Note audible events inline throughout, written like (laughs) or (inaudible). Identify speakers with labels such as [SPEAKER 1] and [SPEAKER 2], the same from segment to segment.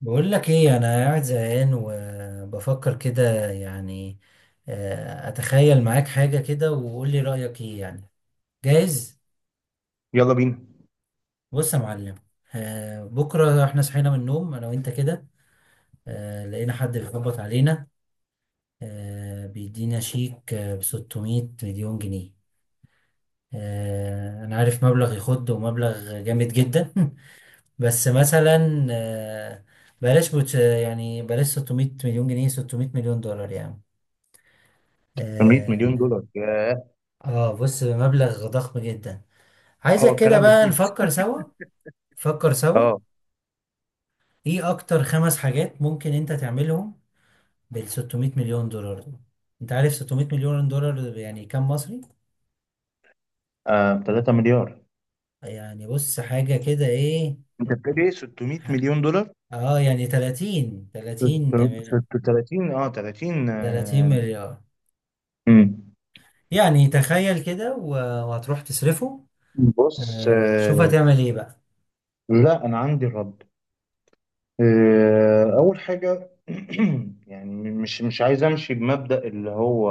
[SPEAKER 1] بقول لك ايه انا قاعد زهقان وبفكر كده يعني. اتخيل معاك حاجة كده وقول لي رأيك ايه يعني. جاهز.
[SPEAKER 2] يلا بينا.
[SPEAKER 1] بص يا معلم. بكرة احنا صحينا من النوم انا وانت كده. لقينا حد بيخبط علينا. بيدينا شيك ب 600 مليون جنيه. انا عارف مبلغ يخد ومبلغ جامد جدا. (laughs) بس مثلا يعني بلاش 600 مليون جنيه، 600 مليون دولار يعني.
[SPEAKER 2] 800 مليون
[SPEAKER 1] آه،
[SPEAKER 2] دولار، ياه!
[SPEAKER 1] اه بص مبلغ ضخم جدا.
[SPEAKER 2] هو
[SPEAKER 1] عايزك كده
[SPEAKER 2] الكلام
[SPEAKER 1] بقى
[SPEAKER 2] بفلوس؟
[SPEAKER 1] نفكر سوا. نفكر سوا.
[SPEAKER 2] اه.
[SPEAKER 1] ايه اكتر خمس حاجات ممكن انت تعملهم بال 600 مليون دولار دول؟ انت عارف 600 مليون دولار يعني كام مصري؟
[SPEAKER 2] ب 3 مليار.
[SPEAKER 1] يعني بص حاجة كده ايه.
[SPEAKER 2] انت بتقول ايه؟ 600 مليون دولار.
[SPEAKER 1] اه يعني
[SPEAKER 2] 30
[SPEAKER 1] 30
[SPEAKER 2] .
[SPEAKER 1] مليار.
[SPEAKER 2] امم
[SPEAKER 1] يعني تخيل كده وهتروح تصرفه.
[SPEAKER 2] بص
[SPEAKER 1] شوف
[SPEAKER 2] آه.
[SPEAKER 1] هتعمل ايه بقى.
[SPEAKER 2] لا، انا عندي الرد. اول حاجه. (clears throat) يعني مش عايز امشي بمبدأ اللي هو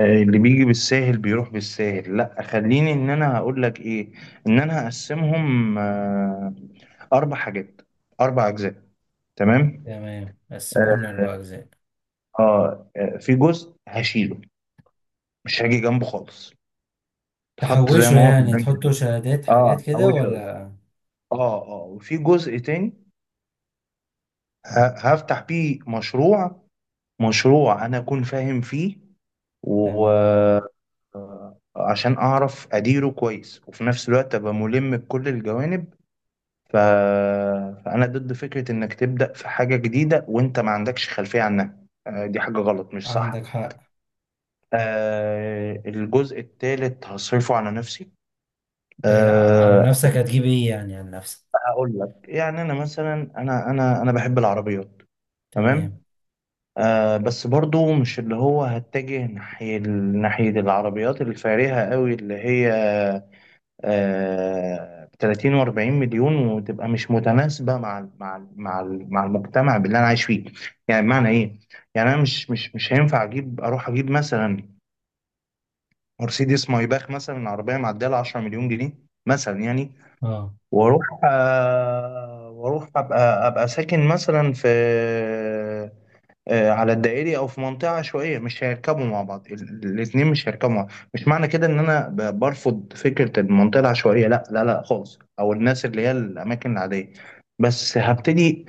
[SPEAKER 2] اللي بيجي بالساهل بيروح بالساهل. لا، خليني ان انا هقول لك ايه. ان انا هقسمهم. اربع حاجات، اربع اجزاء. تمام.
[SPEAKER 1] تمام قسمهم
[SPEAKER 2] اه.
[SPEAKER 1] لأربع أجزاء.
[SPEAKER 2] آه، في جزء هشيله، مش هاجي جنبه خالص، اتحط زي
[SPEAKER 1] تحوشه
[SPEAKER 2] ما هو في
[SPEAKER 1] يعني
[SPEAKER 2] البنك
[SPEAKER 1] تحطه
[SPEAKER 2] كده.
[SPEAKER 1] شهادات حاجات
[SPEAKER 2] اه،
[SPEAKER 1] كده
[SPEAKER 2] هوشه.
[SPEAKER 1] ولا؟
[SPEAKER 2] اه، اه. وفي جزء تاني هفتح بيه مشروع، مشروع انا اكون فاهم فيه،
[SPEAKER 1] تمام.
[SPEAKER 2] وعشان اعرف اديره كويس، وفي نفس الوقت ابقى ملم بكل الجوانب. ف... فانا ضد فكرة انك تبدأ في حاجة جديدة وانت ما عندكش خلفية عنها. دي حاجة غلط، مش صح.
[SPEAKER 1] عندك حق.
[SPEAKER 2] الجزء التالت هصرفه على نفسي.
[SPEAKER 1] إيه، على
[SPEAKER 2] أه
[SPEAKER 1] نفسك هتجيب ايه يعني على نفسك؟
[SPEAKER 2] هقول لك. يعني انا مثلا، انا بحب العربيات.
[SPEAKER 1] تمام.
[SPEAKER 2] تمام. بس برضو مش اللي هو هتجه ناحية العربيات الفارهة قوي، اللي هي 30 و40 مليون، وتبقى مش متناسبة مع المجتمع اللي انا عايش فيه. يعني بمعنى ايه؟ يعني انا مش هينفع اجيب، اروح اجيب مثلا مرسيدس مايباخ، مثلا عربية معدية ل 10 مليون جنيه، مثلا يعني.
[SPEAKER 1] اه
[SPEAKER 2] واروح ابقى ساكن مثلا في على الدائري، او في منطقه عشوائيه. مش هيركبوا مع بعض الاتنين، مش هيركبوا مع بعض. مش معنى كده ان انا برفض فكره المنطقه العشوائيه، لا لا لا خالص، او الناس اللي هي الاماكن العاديه. بس هبتدي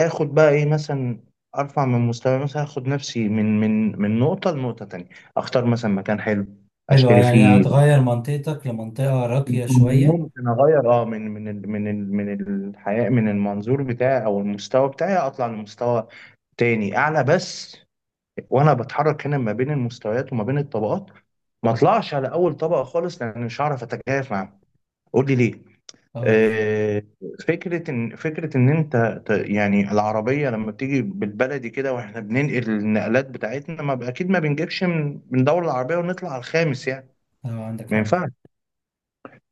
[SPEAKER 2] اخد بقى ايه، مثلا ارفع من مستوى، مثلا اخد نفسي من نقطه لنقطه تانية، اختار مثلا مكان حلو،
[SPEAKER 1] حلو،
[SPEAKER 2] اشتري
[SPEAKER 1] يعني
[SPEAKER 2] فيه.
[SPEAKER 1] هتغير منطقتك لمنطقة راقية شوية؟
[SPEAKER 2] ممكن اغير، اه، من الحياه، من المنظور بتاعي او المستوى بتاعي، اطلع لمستوى تاني اعلى بس. وانا بتحرك هنا ما بين المستويات وما بين الطبقات، ما اطلعش على اول طبقه خالص، لان مش هعرف اتكيف معاهم. قول لي ليه.
[SPEAKER 1] اه ليه؟
[SPEAKER 2] آه. فكره ان انت يعني العربيه لما بتيجي بالبلدي كده، واحنا بننقل النقلات بتاعتنا، ما ب- اكيد ما بنجيبش من من دوله العربيه ونطلع على الخامس يعني.
[SPEAKER 1] اه عندك
[SPEAKER 2] ما
[SPEAKER 1] حق.
[SPEAKER 2] ينفعش،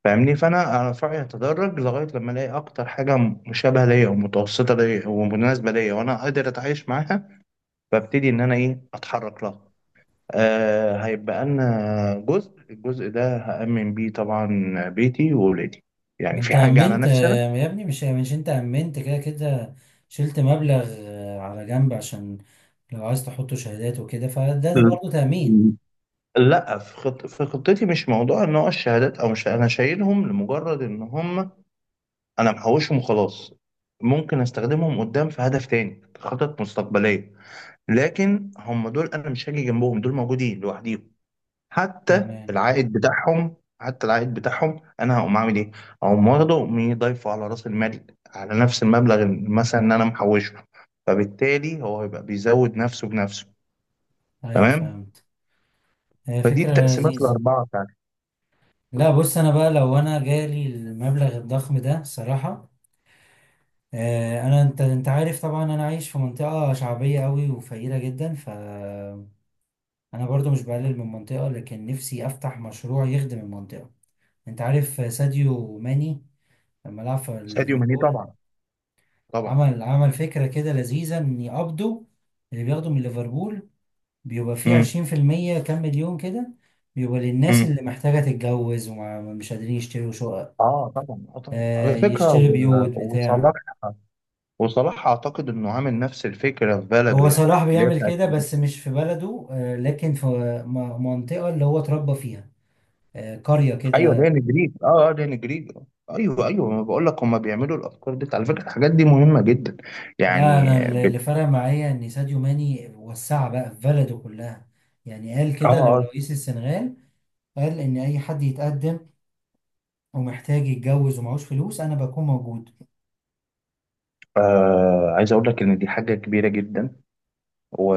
[SPEAKER 2] فاهمني. فانا في رايي اتدرج لغايه لما الاقي اكتر حاجه مشابهه ليا، ومتوسطه ليا، ومناسبه ليا، وانا قادر اتعايش معاها، فابتدي ان انا ايه اتحرك لها. هيبقى لنا جزء. الجزء ده هامن بيه طبعا، بيتي واولادي.
[SPEAKER 1] ما
[SPEAKER 2] يعني
[SPEAKER 1] انت
[SPEAKER 2] في حاجه على
[SPEAKER 1] امنت،
[SPEAKER 2] نفسنا.
[SPEAKER 1] يا ابني، مش انت امنت كده كده. شلت مبلغ على جنب عشان لو عايز تحطه شهادات وكده فده برضه تأمين.
[SPEAKER 2] م- لا، في خطتي مش موضوع ان هو الشهادات، او مش انا شايلهم لمجرد ان هم انا محوشهم وخلاص. ممكن استخدمهم قدام في هدف تاني، خطط مستقبليه. لكن هم دول انا مش هاجي جنبهم، دول موجودين لوحديهم.
[SPEAKER 1] تمام.
[SPEAKER 2] حتى العائد بتاعهم انا هقوم اعمل ايه؟ هقوم واخده وأقوم ضايفه على راس المال، على نفس المبلغ مثلا ان انا محوشه. فبالتالي هو هيبقى بيزود نفسه بنفسه.
[SPEAKER 1] ايوه
[SPEAKER 2] تمام؟
[SPEAKER 1] فهمت. هي
[SPEAKER 2] فدي
[SPEAKER 1] فكرة
[SPEAKER 2] التقسيمات
[SPEAKER 1] لذيذة.
[SPEAKER 2] الاربعه بتاعت.
[SPEAKER 1] لا بص، انا بقى لو انا جالي المبلغ الضخم ده صراحة. انا، انت عارف طبعا، انا عايش في منطقه شعبيه قوي وفقيره جدا. ف انا برضو مش بقلل من المنطقه لكن نفسي افتح مشروع يخدم المنطقه. انت عارف ساديو ماني لما لعب في
[SPEAKER 2] ساديو ماني،
[SPEAKER 1] ليفربول؟
[SPEAKER 2] طبعا، طبعا.
[SPEAKER 1] عمل فكره كده لذيذه، ان يقبضوا اللي بياخدوا من ليفربول، بيبقى فيه
[SPEAKER 2] امم،
[SPEAKER 1] 20% كام مليون كده، بيبقى للناس
[SPEAKER 2] امم.
[SPEAKER 1] اللي محتاجه تتجوز ومش قادرين يشتروا شقق.
[SPEAKER 2] اه طبعا، اه طبعا. على فكره
[SPEAKER 1] يشتري بيوت
[SPEAKER 2] وصلاح.
[SPEAKER 1] بتاع.
[SPEAKER 2] وصلاح اعتقد انه عامل نفس الفكره في بلده،
[SPEAKER 1] هو
[SPEAKER 2] يعني
[SPEAKER 1] صلاح
[SPEAKER 2] اللي هي،
[SPEAKER 1] بيعمل كده بس مش في بلده، لكن في منطقة اللي هو اتربى فيها، قرية
[SPEAKER 2] ايوه، ده
[SPEAKER 1] كده.
[SPEAKER 2] جريج. اه، اه، ده جريج. ايوه، ايوه، ما بقول لك هم بيعملوا الافكار دي. على فكره الحاجات دي مهمه جدا،
[SPEAKER 1] لا
[SPEAKER 2] يعني
[SPEAKER 1] أنا، اللي فرق معايا إن ساديو ماني وسعها بقى في بلده كلها. يعني قال
[SPEAKER 2] آه،
[SPEAKER 1] كده
[SPEAKER 2] آه.
[SPEAKER 1] لرئيس السنغال. قال إن أي حد يتقدم ومحتاج يتجوز ومعهوش فلوس أنا بكون موجود.
[SPEAKER 2] اه، عايز اقول لك ان دي حاجه كبيره جدا و...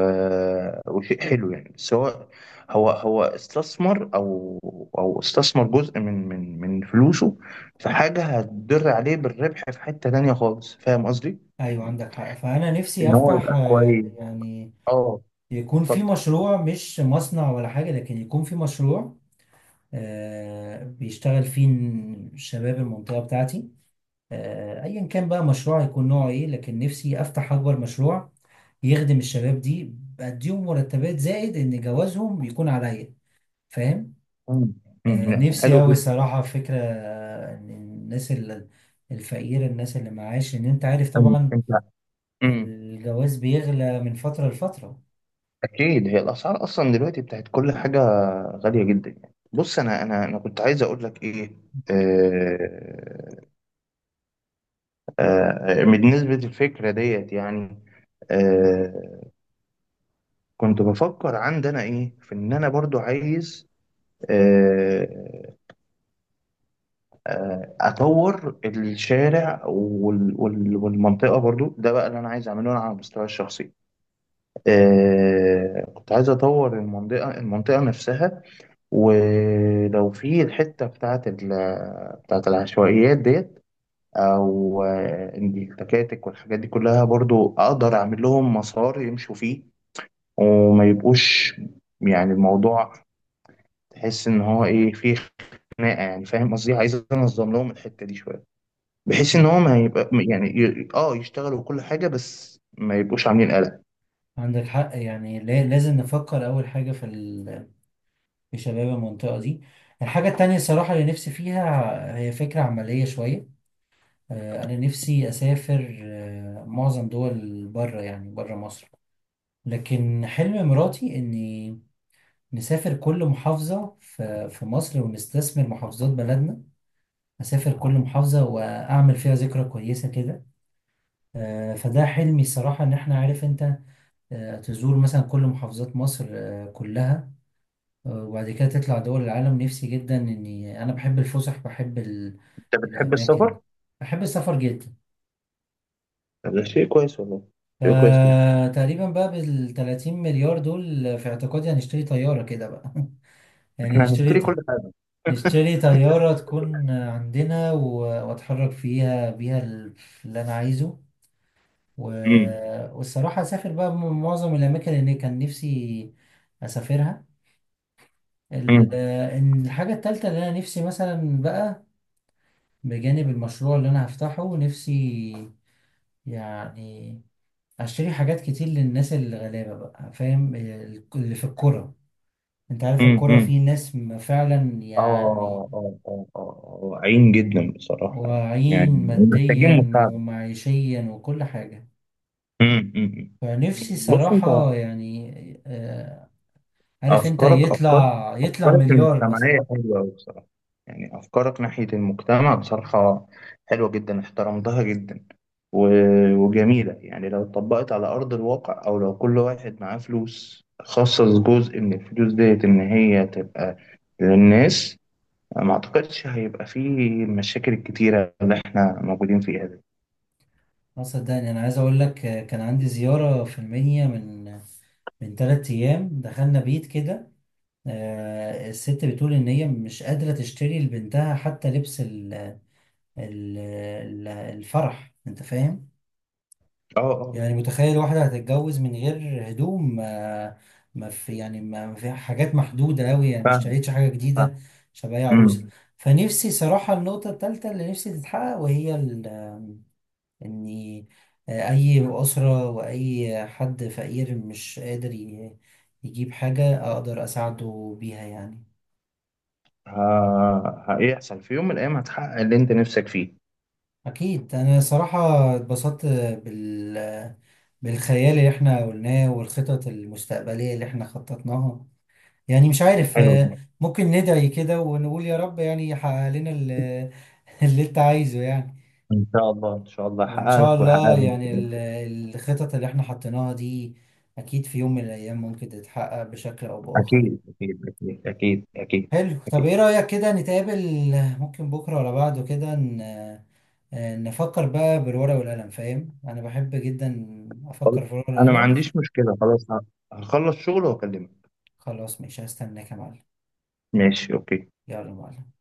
[SPEAKER 2] وشيء حلو يعني. بس هو استثمر، او استثمر جزء من فلوسه في حاجه هتضر عليه بالربح في حته تانيه خالص، فاهم قصدي؟
[SPEAKER 1] أيوة
[SPEAKER 2] يعني
[SPEAKER 1] عندك حق. فأنا نفسي
[SPEAKER 2] ان هو
[SPEAKER 1] أفتح
[SPEAKER 2] يبقى كويس.
[SPEAKER 1] يعني
[SPEAKER 2] اه.
[SPEAKER 1] يكون في
[SPEAKER 2] اتفضل، اتفضل.
[SPEAKER 1] مشروع، مش مصنع ولا حاجة، لكن يكون في مشروع بيشتغل فيه الشباب، المنطقة بتاعتي. ايا كان بقى مشروع يكون نوعه ايه، لكن نفسي افتح اكبر مشروع يخدم الشباب دي. بديهم مرتبات زائد ان جوازهم يكون عليا، فاهم؟
[SPEAKER 2] مم، مم، لا،
[SPEAKER 1] نفسي
[SPEAKER 2] حلو
[SPEAKER 1] اوي
[SPEAKER 2] جدا.
[SPEAKER 1] الصراحه فكره ان الناس الفقيره، الناس اللي معاش، ان انت عارف طبعا
[SPEAKER 2] انت. أمم.
[SPEAKER 1] الجواز بيغلى من فتره لفتره.
[SPEAKER 2] اكيد، هي الاسعار اصلا دلوقتي بتاعت كل حاجه غاليه جدا. يعني بص، انا كنت عايز اقول لك ايه. آه بالنسبه للفكره ديت يعني. آه كنت بفكر عندنا ايه، في ان انا برضو عايز آه اطور الشارع والمنطقه برضو. ده بقى اللي انا عايز اعمله انا على المستوى الشخصي. كنت عايز اطور المنطقه، المنطقه نفسها، ولو في الحتة بتاعت ال، بتاعت العشوائيات ديت. أو إن التكاتك والحاجات دي كلها برضو أقدر أعمل لهم مسار يمشوا فيه، وما يبقوش يعني الموضوع، تحس إن هو إيه فيه خناقة يعني، فاهم قصدي. عايز أنظم لهم الحتة دي شوية، بحيث إن
[SPEAKER 1] آه،
[SPEAKER 2] هو ما يبقى يعني يشتغلوا كل حاجة، بس ما يبقوش عاملين قلق.
[SPEAKER 1] عندك حق يعني، لازم نفكر اول حاجه في شباب المنطقه دي. الحاجه التانية الصراحه اللي نفسي فيها هي فكره عمليه شويه. أنا نفسي أسافر، معظم دول بره يعني بره مصر. لكن حلم مراتي إني نسافر كل محافظة في مصر، ونستثمر محافظات بلدنا. أسافر كل محافظة وأعمل فيها ذكرى كويسة كده. فده حلمي الصراحة، إن إحنا، عارف أنت، تزور مثلا كل محافظات مصر كلها، وبعد كده تطلع دول العالم. نفسي جدا، إني أنا بحب الفسح، بحب
[SPEAKER 2] أنت بتحب
[SPEAKER 1] الأماكن.
[SPEAKER 2] السفر؟
[SPEAKER 1] بحب السفر جدا.
[SPEAKER 2] ده شيء كويس والله. شيء كويس جدا.
[SPEAKER 1] فتقريبا بقى بال 30 مليار دول في اعتقادي هنشتري طيارة كده بقى. (laughs) يعني
[SPEAKER 2] إحنا هنشتري كل
[SPEAKER 1] نشتريها.
[SPEAKER 2] حاجة.
[SPEAKER 1] نشتري
[SPEAKER 2] (laughs)
[SPEAKER 1] طيارة تكون عندنا واتحرك فيها، بيها اللي انا عايزه و...
[SPEAKER 2] مم.
[SPEAKER 1] والصراحة اسافر بقى معظم الاماكن اللي كان نفسي اسافرها. ال-
[SPEAKER 2] مم.
[SPEAKER 1] إن الحاجة التالتة اللي انا نفسي مثلا بقى، بجانب المشروع اللي انا هفتحه، نفسي يعني اشتري حاجات كتير للناس الغلابة بقى، فاهم، اللي في الكرة. انت عارف الكرة،
[SPEAKER 2] امم.
[SPEAKER 1] في ناس فعلا يعني
[SPEAKER 2] اه، اه، اه، اه، عين جدا بصراحة.
[SPEAKER 1] واعيين،
[SPEAKER 2] يعني محتاجين
[SPEAKER 1] ماديا
[SPEAKER 2] مساعدة.
[SPEAKER 1] ومعيشيا وكل حاجة.
[SPEAKER 2] امم، امم.
[SPEAKER 1] فنفسي
[SPEAKER 2] بص انت،
[SPEAKER 1] صراحة يعني، آه، عارف انت،
[SPEAKER 2] افكارك افكار.
[SPEAKER 1] يطلع
[SPEAKER 2] افكارك
[SPEAKER 1] مليار
[SPEAKER 2] المجتمعية
[SPEAKER 1] مثلا.
[SPEAKER 2] حلوة قوي بصراحة. يعني افكارك ناحية المجتمع، بصراحة حلوة جدا، احترمتها جدا و... وجميلة. يعني لو اتطبقت على ارض الواقع، او لو كل واحد معاه فلوس خصص جزء من الفلوس ديت ان هي تبقى للناس، ما اعتقدش هيبقى فيه المشاكل الكتيرة اللي احنا موجودين فيها دي.
[SPEAKER 1] اه صدقني، انا عايز اقول لك، كان عندي زيارة في المنيا من ثلاث ايام. دخلنا بيت كده، الست بتقول ان هي مش قادرة تشتري لبنتها حتى لبس الفرح، انت فاهم.
[SPEAKER 2] اه،
[SPEAKER 1] يعني
[SPEAKER 2] اه،
[SPEAKER 1] متخيل واحدة هتتجوز من غير هدوم، ما ما في يعني ما ما في حاجات محدودة أوي، يعني ما
[SPEAKER 2] فاهم،
[SPEAKER 1] اشتريتش حاجة
[SPEAKER 2] فاهم.
[SPEAKER 1] جديدة عشان أبقى هي عروسة.
[SPEAKER 2] امم.
[SPEAKER 1] فنفسي صراحة النقطة التالتة اللي نفسي تتحقق، وهي إني أي أسرة وأي حد فقير مش قادر يجيب حاجة، أقدر أساعده بيها يعني.
[SPEAKER 2] هيحصل في يوم من الايام، هتحقق اللي انت نفسك فيه.
[SPEAKER 1] أكيد. أنا صراحة اتبسطت بال بالخيال اللي احنا قلناه، والخطط المستقبلية اللي احنا خططناها. يعني مش عارف،
[SPEAKER 2] حلو ده.
[SPEAKER 1] ممكن ندعي كده ونقول يا رب يعني يحقق لنا (laughs) اللي انت عايزه يعني.
[SPEAKER 2] ان شاء الله، ان شاء الله
[SPEAKER 1] وان
[SPEAKER 2] هحقق
[SPEAKER 1] شاء
[SPEAKER 2] لك وهحقق
[SPEAKER 1] الله
[SPEAKER 2] لي.
[SPEAKER 1] يعني الخطط اللي احنا حطيناها دي اكيد في يوم من الايام ممكن تتحقق بشكل او باخر يعني.
[SPEAKER 2] اكيد، اكيد، اكيد، اكيد، اكيد،
[SPEAKER 1] حلو، طب ايه
[SPEAKER 2] اكيد.
[SPEAKER 1] رأيك كده نتقابل؟ ممكن بكرة ولا بعده كده نفكر بقى بالورقة والقلم. فاهم، انا بحب جدا
[SPEAKER 2] خلاص.
[SPEAKER 1] افكر في الورقة
[SPEAKER 2] انا ما
[SPEAKER 1] والقلم.
[SPEAKER 2] عنديش مشكلة. خلاص، هخلص شغل واكلمك.
[SPEAKER 1] خلاص ماشي، هستناك يا معلم.
[SPEAKER 2] ماشي، اوكي.
[SPEAKER 1] يلا يا معلم.